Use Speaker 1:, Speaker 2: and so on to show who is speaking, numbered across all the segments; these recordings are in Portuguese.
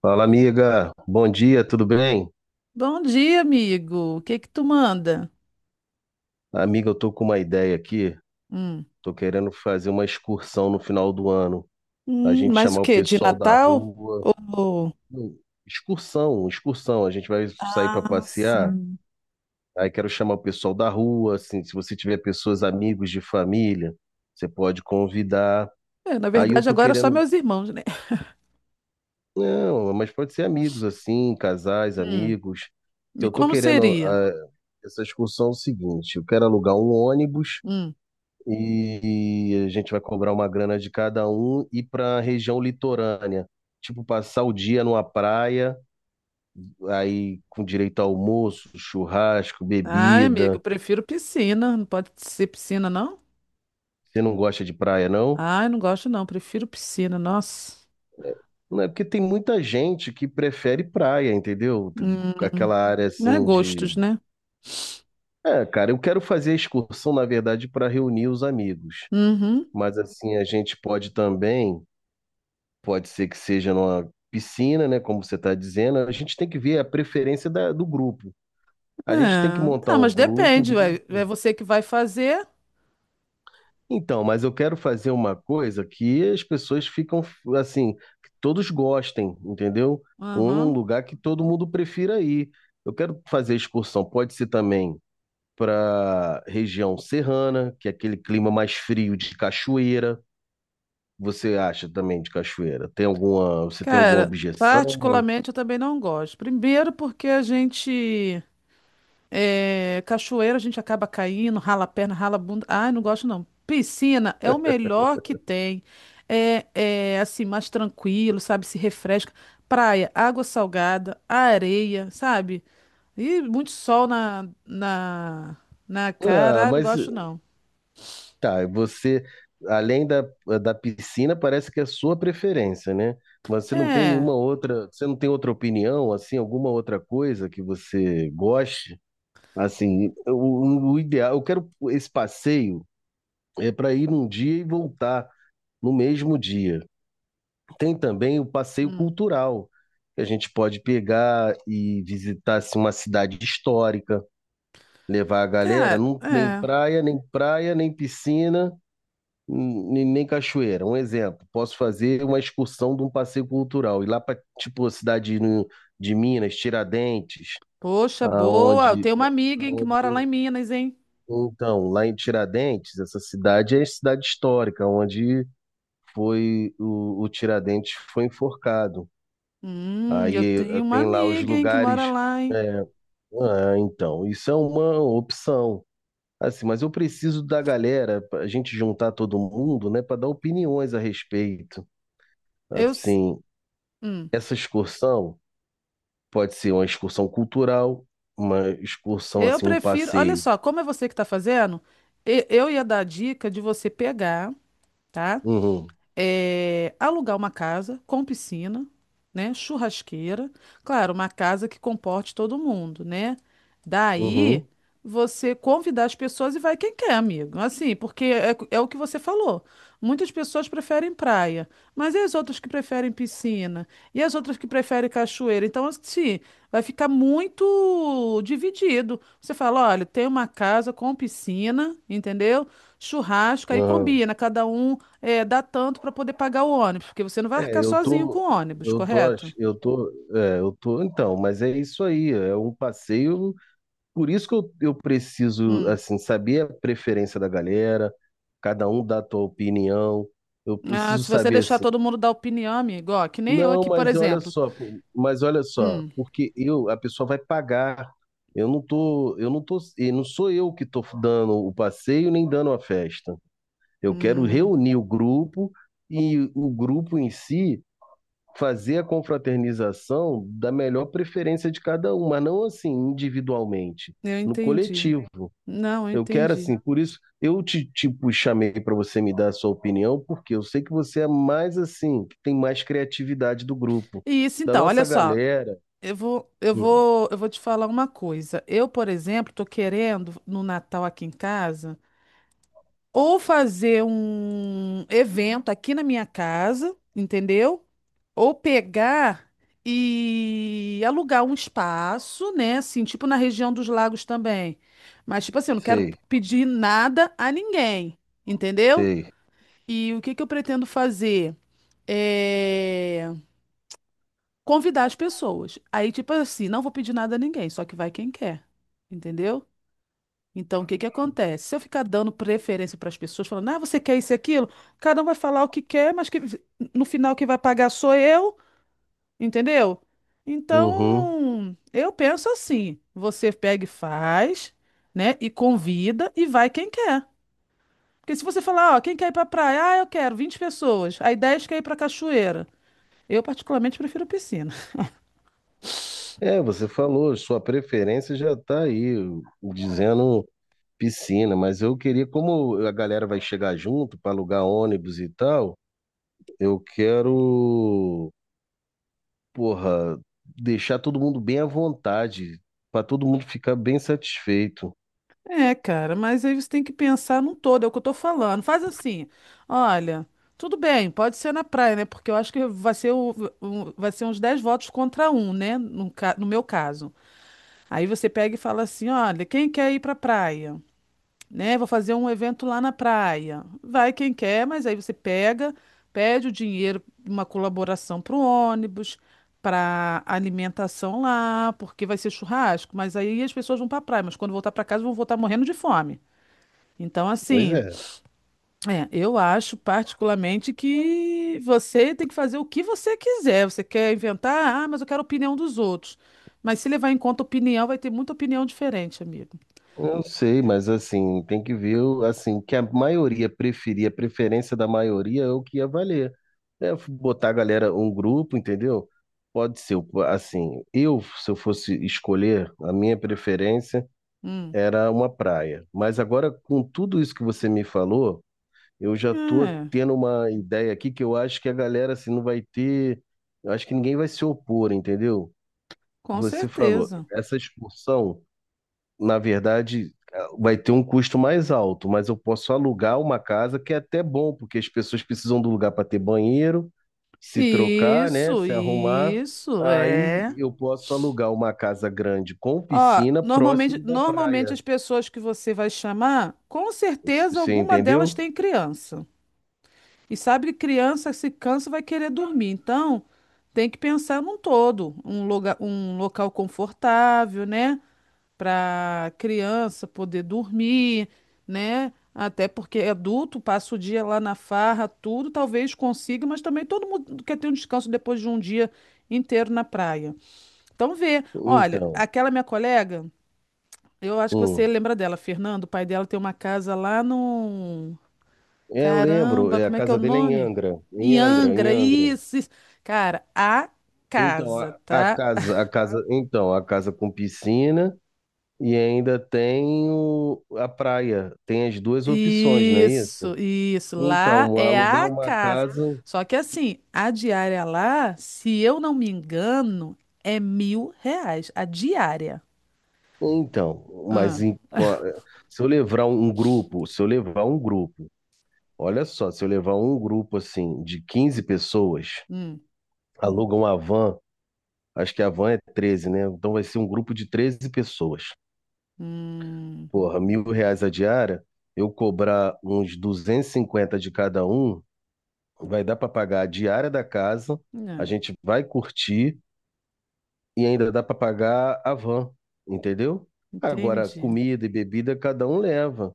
Speaker 1: Fala, amiga. Bom dia, tudo bem?
Speaker 2: Bom dia, amigo. O que que tu manda?
Speaker 1: Amiga, eu tô com uma ideia aqui.
Speaker 2: Hum.
Speaker 1: Tô querendo fazer uma excursão no final do ano. A gente
Speaker 2: Mas o
Speaker 1: chamar o
Speaker 2: quê? De
Speaker 1: pessoal da
Speaker 2: Natal?
Speaker 1: rua.
Speaker 2: Ou...
Speaker 1: Hum, Excursão, excursão. A gente vai sair para
Speaker 2: Ah,
Speaker 1: passear.
Speaker 2: sim.
Speaker 1: Aí quero chamar o pessoal da rua, assim, se você tiver pessoas, amigos de família, você pode convidar.
Speaker 2: É, na
Speaker 1: Aí eu
Speaker 2: verdade,
Speaker 1: tô
Speaker 2: agora é só
Speaker 1: querendo,
Speaker 2: meus irmãos, né?
Speaker 1: não, mas pode ser amigos assim, casais,
Speaker 2: Hum.
Speaker 1: amigos.
Speaker 2: E
Speaker 1: Eu tô
Speaker 2: como
Speaker 1: querendo
Speaker 2: seria?
Speaker 1: essa excursão é o seguinte, eu quero alugar um ônibus
Speaker 2: Hum.
Speaker 1: e a gente vai cobrar uma grana de cada um e para a região litorânea. Tipo, passar o dia numa praia, aí com direito a almoço, churrasco,
Speaker 2: Ai, amigo,
Speaker 1: bebida.
Speaker 2: prefiro piscina. Não pode ser piscina, não?
Speaker 1: Você não gosta de praia, não?
Speaker 2: Ai, não gosto, não. Prefiro piscina, nossa.
Speaker 1: Não é porque tem muita gente que prefere praia, entendeu?
Speaker 2: Hum.
Speaker 1: Aquela área
Speaker 2: Não é
Speaker 1: assim
Speaker 2: gostos,
Speaker 1: de.
Speaker 2: né?
Speaker 1: É, cara, eu quero fazer a excursão, na verdade, para reunir os amigos.
Speaker 2: Uhum.
Speaker 1: Mas assim, a gente pode também pode ser que seja numa piscina, né? Como você está dizendo, a gente tem que ver a preferência do grupo.
Speaker 2: É.
Speaker 1: A gente tem que montar
Speaker 2: Ah,
Speaker 1: um
Speaker 2: mas
Speaker 1: grupo,
Speaker 2: depende,
Speaker 1: ver
Speaker 2: ué. É
Speaker 1: assim.
Speaker 2: você que vai fazer.
Speaker 1: Então, mas eu quero fazer uma coisa que as pessoas ficam assim, que todos gostem, entendeu? Ou num
Speaker 2: Aham.
Speaker 1: lugar que todo mundo prefira ir. Eu quero fazer excursão, pode ser também para região serrana, que é aquele clima mais frio de cachoeira. Você acha também de cachoeira? Tem alguma, você tem alguma
Speaker 2: Cara,
Speaker 1: objeção?
Speaker 2: particularmente eu também não gosto. Primeiro porque a gente é, cachoeira, a gente acaba caindo, rala a perna, rala a bunda. Ai, não gosto não. Piscina é o melhor que tem. É, é assim, mais tranquilo, sabe? Se refresca. Praia, água salgada, areia, sabe? E muito sol na
Speaker 1: Ah,
Speaker 2: cara. Ai, não
Speaker 1: mas
Speaker 2: gosto não.
Speaker 1: tá, você, além da piscina, parece que é a sua preferência, né? Mas você não tem
Speaker 2: É.
Speaker 1: nenhuma outra, você não tem outra opinião, assim, alguma outra coisa que você goste? Assim, o ideal, eu quero esse passeio é para ir num dia e voltar no mesmo dia. Tem também o passeio
Speaker 2: Hum.
Speaker 1: cultural, que a gente pode pegar e visitar assim, uma cidade histórica, levar a galera,
Speaker 2: Cara,
Speaker 1: não, nem
Speaker 2: é.
Speaker 1: praia, nem praia, nem piscina nem cachoeira. Um exemplo, posso fazer uma excursão de um passeio cultural, ir lá para, tipo, a cidade de Minas, Tiradentes,
Speaker 2: Poxa, boa. Eu
Speaker 1: aonde,
Speaker 2: tenho
Speaker 1: né,
Speaker 2: uma amiga, hein, que
Speaker 1: aonde.
Speaker 2: mora lá em Minas, hein?
Speaker 1: Então, lá em Tiradentes, essa cidade é cidade histórica, onde foi o Tiradentes foi enforcado.
Speaker 2: Eu
Speaker 1: Aí
Speaker 2: tenho uma
Speaker 1: tem lá os
Speaker 2: amiga, hein, que mora
Speaker 1: lugares.
Speaker 2: lá, hein?
Speaker 1: é, Ah, então, isso é uma opção. Assim, mas eu preciso da galera, pra gente juntar todo mundo, né, para dar opiniões a respeito.
Speaker 2: Eu, s-
Speaker 1: Assim,
Speaker 2: hum,
Speaker 1: essa excursão pode ser uma excursão cultural, uma excursão,
Speaker 2: eu
Speaker 1: assim, um
Speaker 2: prefiro. Olha
Speaker 1: passeio.
Speaker 2: só, como é você que tá fazendo, eu ia dar a dica de você pegar, tá?
Speaker 1: Uhum,
Speaker 2: É, alugar uma casa com piscina, né, churrasqueira, claro, uma casa que comporte todo mundo, né? Daí
Speaker 1: uhum,
Speaker 2: você convidar as pessoas e vai quem quer, amigo. Assim, porque é, é o que você falou. Muitas pessoas preferem praia, mas e as outras que preferem piscina? E as outras que preferem cachoeira? Então, assim, vai ficar muito dividido. Você fala, olha, tem uma casa com piscina, entendeu? Churrasco, aí
Speaker 1: uhum.
Speaker 2: combina, cada um. É, dá tanto para poder pagar o ônibus, porque você não vai
Speaker 1: É,
Speaker 2: arcar sozinho com o ônibus,
Speaker 1: eu tô,
Speaker 2: correto?
Speaker 1: ach- eu tô, eu tô, então, mas é isso aí, é um passeio, por isso que eu preciso,
Speaker 2: Hum.
Speaker 1: assim, saber a preferência da galera, cada um dá a tua opinião, eu
Speaker 2: Ah,
Speaker 1: preciso
Speaker 2: se você
Speaker 1: saber,
Speaker 2: deixar
Speaker 1: assim.
Speaker 2: todo mundo dar opinião, amigo, ó, que nem eu
Speaker 1: Não,
Speaker 2: aqui, por
Speaker 1: mas
Speaker 2: exemplo.
Speaker 1: olha só,
Speaker 2: Hum,
Speaker 1: porque eu, a pessoa vai pagar. Eu não tô, e não sou eu que estou dando o passeio nem dando a festa. Eu quero
Speaker 2: hum,
Speaker 1: reunir o grupo e o grupo em si fazer a confraternização da melhor preferência de cada um, mas não assim individualmente,
Speaker 2: eu
Speaker 1: no
Speaker 2: entendi.
Speaker 1: coletivo.
Speaker 2: Não, eu
Speaker 1: Eu quero
Speaker 2: entendi.
Speaker 1: assim, por isso eu te, tipo, chamei para você me dar a sua opinião, porque eu sei que você é mais assim, que tem mais criatividade do grupo,
Speaker 2: E isso
Speaker 1: da
Speaker 2: então, olha
Speaker 1: nossa
Speaker 2: só,
Speaker 1: galera. Hum,
Speaker 2: eu vou te falar uma coisa. Eu, por exemplo, tô querendo no Natal aqui em casa. Ou fazer um evento aqui na minha casa, entendeu? Ou pegar e alugar um espaço, né? Assim, tipo na região dos lagos também. Mas, tipo assim, eu não quero
Speaker 1: sei,
Speaker 2: pedir nada a ninguém, entendeu?
Speaker 1: sei.
Speaker 2: E o que que eu pretendo fazer? É convidar as pessoas. Aí, tipo assim, não vou pedir nada a ninguém, só que vai quem quer, entendeu? Então, o que que acontece? Se eu ficar dando preferência para as pessoas, falando, ah, você quer isso e aquilo, cada um vai falar o que quer, mas que no final quem vai pagar sou eu, entendeu?
Speaker 1: Uhum.
Speaker 2: Então, eu penso assim: você pega e faz, né? E convida e vai quem quer. Porque se você falar, ó, quem quer ir para praia? Ah, eu quero 20 pessoas. Aí 10 quer ir para cachoeira. Eu, particularmente, prefiro piscina.
Speaker 1: É, você falou, sua preferência já está aí, dizendo piscina, mas eu queria, como a galera vai chegar junto para alugar ônibus e tal, eu quero, porra, deixar todo mundo bem à vontade, para todo mundo ficar bem satisfeito.
Speaker 2: É, cara, mas aí você tem que pensar num todo, é o que eu tô falando. Faz assim, olha, tudo bem, pode ser na praia, né? Porque eu acho que vai ser, vai ser uns 10 votos contra um, né? No meu caso. Aí você pega e fala assim, olha, quem quer ir pra praia? Né? Vou fazer um evento lá na praia. Vai quem quer, mas aí você pega, pede o dinheiro, uma colaboração pro ônibus, pra alimentação lá, porque vai ser churrasco, mas aí as pessoas vão pra praia, mas quando voltar pra casa vão voltar morrendo de fome. Então,
Speaker 1: Pois
Speaker 2: assim,
Speaker 1: é,
Speaker 2: é, eu acho particularmente que você tem que fazer o que você quiser. Você quer inventar, ah, mas eu quero a opinião dos outros. Mas se levar em conta a opinião, vai ter muita opinião diferente, amigo.
Speaker 1: eu sei, mas assim, tem que ver assim, o que a maioria preferir a preferência da maioria é o que ia valer. É, botar a galera, um grupo, entendeu? Pode ser, assim, se eu fosse escolher, a minha preferência
Speaker 2: Hum.
Speaker 1: era uma praia. Mas agora, com tudo isso que você me falou, eu já tô
Speaker 2: É,
Speaker 1: tendo uma ideia aqui que eu acho que a galera, assim, não vai ter, eu acho que ninguém vai se opor, entendeu?
Speaker 2: com
Speaker 1: Você falou,
Speaker 2: certeza.
Speaker 1: essa excursão, na verdade, vai ter um custo mais alto, mas eu posso alugar uma casa que é até bom, porque as pessoas precisam do lugar para ter banheiro, se trocar, né,
Speaker 2: Isso,
Speaker 1: se arrumar.
Speaker 2: isso,
Speaker 1: Aí
Speaker 2: é.
Speaker 1: eu posso alugar uma casa grande com
Speaker 2: Ó,
Speaker 1: piscina
Speaker 2: normalmente,
Speaker 1: próximo da
Speaker 2: normalmente
Speaker 1: praia.
Speaker 2: as pessoas que você vai chamar, com
Speaker 1: Você
Speaker 2: certeza
Speaker 1: você
Speaker 2: alguma
Speaker 1: entendeu?
Speaker 2: delas tem criança. E sabe, criança se cansa vai querer dormir. Então, tem que pensar num todo, um lugar, um local confortável, né, para criança poder dormir, né? Até porque é adulto passa o dia lá na farra, tudo, talvez consiga, mas também todo mundo quer ter um descanso depois de um dia inteiro na praia. Então, vê, olha,
Speaker 1: Então,
Speaker 2: aquela minha colega, eu acho que você
Speaker 1: hum.
Speaker 2: lembra dela, Fernando, o pai dela tem uma casa lá no.
Speaker 1: É, eu lembro,
Speaker 2: Caramba,
Speaker 1: a
Speaker 2: como é que é o
Speaker 1: casa dele é em
Speaker 2: nome?
Speaker 1: Angra, em
Speaker 2: Em
Speaker 1: Angra, em
Speaker 2: Angra,
Speaker 1: Angra.
Speaker 2: isso, isso. Cara, a
Speaker 1: Então,
Speaker 2: casa,
Speaker 1: a, a
Speaker 2: tá?
Speaker 1: casa, a casa, então, a casa com piscina e ainda tem a praia. Tem as duas opções, não é isso?
Speaker 2: Isso, isso. Lá
Speaker 1: Então,
Speaker 2: é
Speaker 1: alugar
Speaker 2: a
Speaker 1: uma
Speaker 2: casa.
Speaker 1: casa.
Speaker 2: Só que assim, a diária lá, se eu não me engano, é 1.000 reais. A diária.
Speaker 1: Então,
Speaker 2: Ah,
Speaker 1: se eu levar um grupo, se eu levar um grupo, olha só, se eu levar um grupo assim de 15 pessoas,
Speaker 2: hum,
Speaker 1: aluga uma van, acho que a van é 13, né? Então vai ser um grupo de 13 pessoas.
Speaker 2: hum,
Speaker 1: Porra, R$ 1.000 a diária, eu cobrar uns 250 de cada um, vai dar para pagar a diária da casa, a
Speaker 2: não,
Speaker 1: gente vai curtir e ainda dá para pagar a van, entendeu? Agora,
Speaker 2: entendi.
Speaker 1: comida e bebida cada um leva.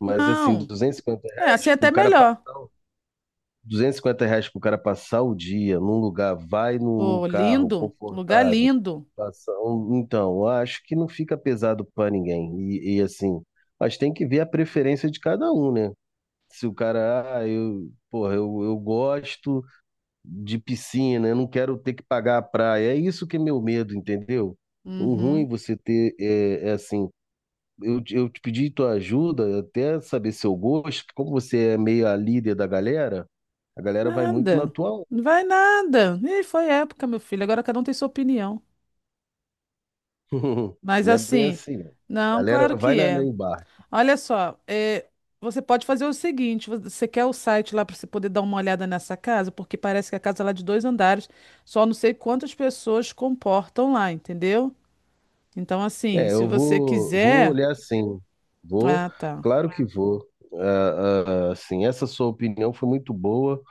Speaker 1: Mas assim,
Speaker 2: Não, é assim é até melhor.
Speaker 1: R$ 250 pro cara passar o dia num lugar, vai num
Speaker 2: Pô,
Speaker 1: carro
Speaker 2: lindo, lugar
Speaker 1: confortável,
Speaker 2: lindo.
Speaker 1: então, eu acho que não fica pesado para ninguém. E, assim, mas tem que ver a preferência de cada um, né? Se o cara, porra, eu gosto de piscina, eu não quero ter que pagar a praia. É isso que é meu medo, entendeu? O ruim
Speaker 2: Uhum.
Speaker 1: você ter é assim. Eu te pedi tua ajuda, até saber seu gosto, que como você é meio a líder da galera, a galera vai muito na
Speaker 2: Nada.
Speaker 1: tua onda.
Speaker 2: Não vai nada. E foi época, meu filho. Agora cada um tem sua opinião. Mas
Speaker 1: Não é bem
Speaker 2: assim,
Speaker 1: assim. A
Speaker 2: não, claro
Speaker 1: galera vai
Speaker 2: que
Speaker 1: na
Speaker 2: é.
Speaker 1: embarque.
Speaker 2: Olha só, é, você pode fazer o seguinte: você quer o site lá para você poder dar uma olhada nessa casa, porque parece que a casa lá é de dois andares, só não sei quantas pessoas comportam lá, entendeu? Então, assim,
Speaker 1: É,
Speaker 2: se
Speaker 1: eu
Speaker 2: você
Speaker 1: vou
Speaker 2: quiser.
Speaker 1: olhar assim. Vou,
Speaker 2: Ah, tá.
Speaker 1: claro que vou. Ah, ah, assim, essa sua opinião foi muito boa.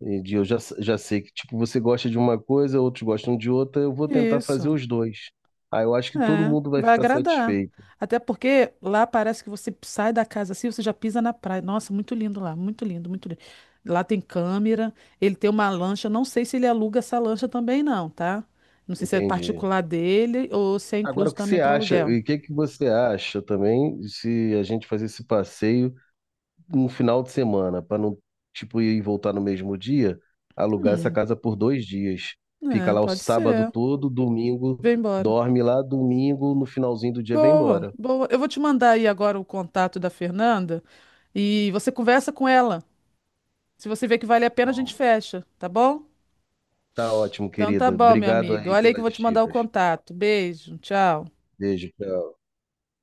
Speaker 1: Entendi. Eu já sei que, tipo, você gosta de uma coisa, outros gostam de outra, eu vou tentar fazer
Speaker 2: Isso.
Speaker 1: os dois. Aí eu acho que todo
Speaker 2: É,
Speaker 1: mundo vai
Speaker 2: vai
Speaker 1: ficar
Speaker 2: agradar.
Speaker 1: satisfeito.
Speaker 2: Até porque lá parece que você sai da casa assim, você já pisa na praia. Nossa, muito lindo lá, muito lindo, muito lindo. Lá tem câmera, ele tem uma lancha, não sei se ele aluga essa lancha também não, tá? Não sei se é
Speaker 1: Entendi.
Speaker 2: particular dele ou se é
Speaker 1: Agora, o
Speaker 2: incluso
Speaker 1: que
Speaker 2: também
Speaker 1: você
Speaker 2: para
Speaker 1: acha?
Speaker 2: aluguel.
Speaker 1: E o que que você acha também se a gente fazer esse passeio no final de semana, para não, tipo, ir e voltar no mesmo dia, alugar essa
Speaker 2: Hum,
Speaker 1: casa por 2 dias. Fica
Speaker 2: é,
Speaker 1: lá o
Speaker 2: pode
Speaker 1: sábado
Speaker 2: ser.
Speaker 1: todo, domingo,
Speaker 2: Vem embora.
Speaker 1: dorme lá, domingo, no finalzinho do dia vem
Speaker 2: Boa,
Speaker 1: embora.
Speaker 2: boa. Eu vou te mandar aí agora o contato da Fernanda e você conversa com ela. Se você vê que vale a pena, a gente fecha, tá bom?
Speaker 1: Tá ótimo,
Speaker 2: Então tá
Speaker 1: querida.
Speaker 2: bom, meu
Speaker 1: Obrigado
Speaker 2: amigo.
Speaker 1: aí
Speaker 2: Olha aí que eu
Speaker 1: pelas
Speaker 2: vou te mandar o
Speaker 1: dicas.
Speaker 2: contato. Beijo, tchau.
Speaker 1: Beijo.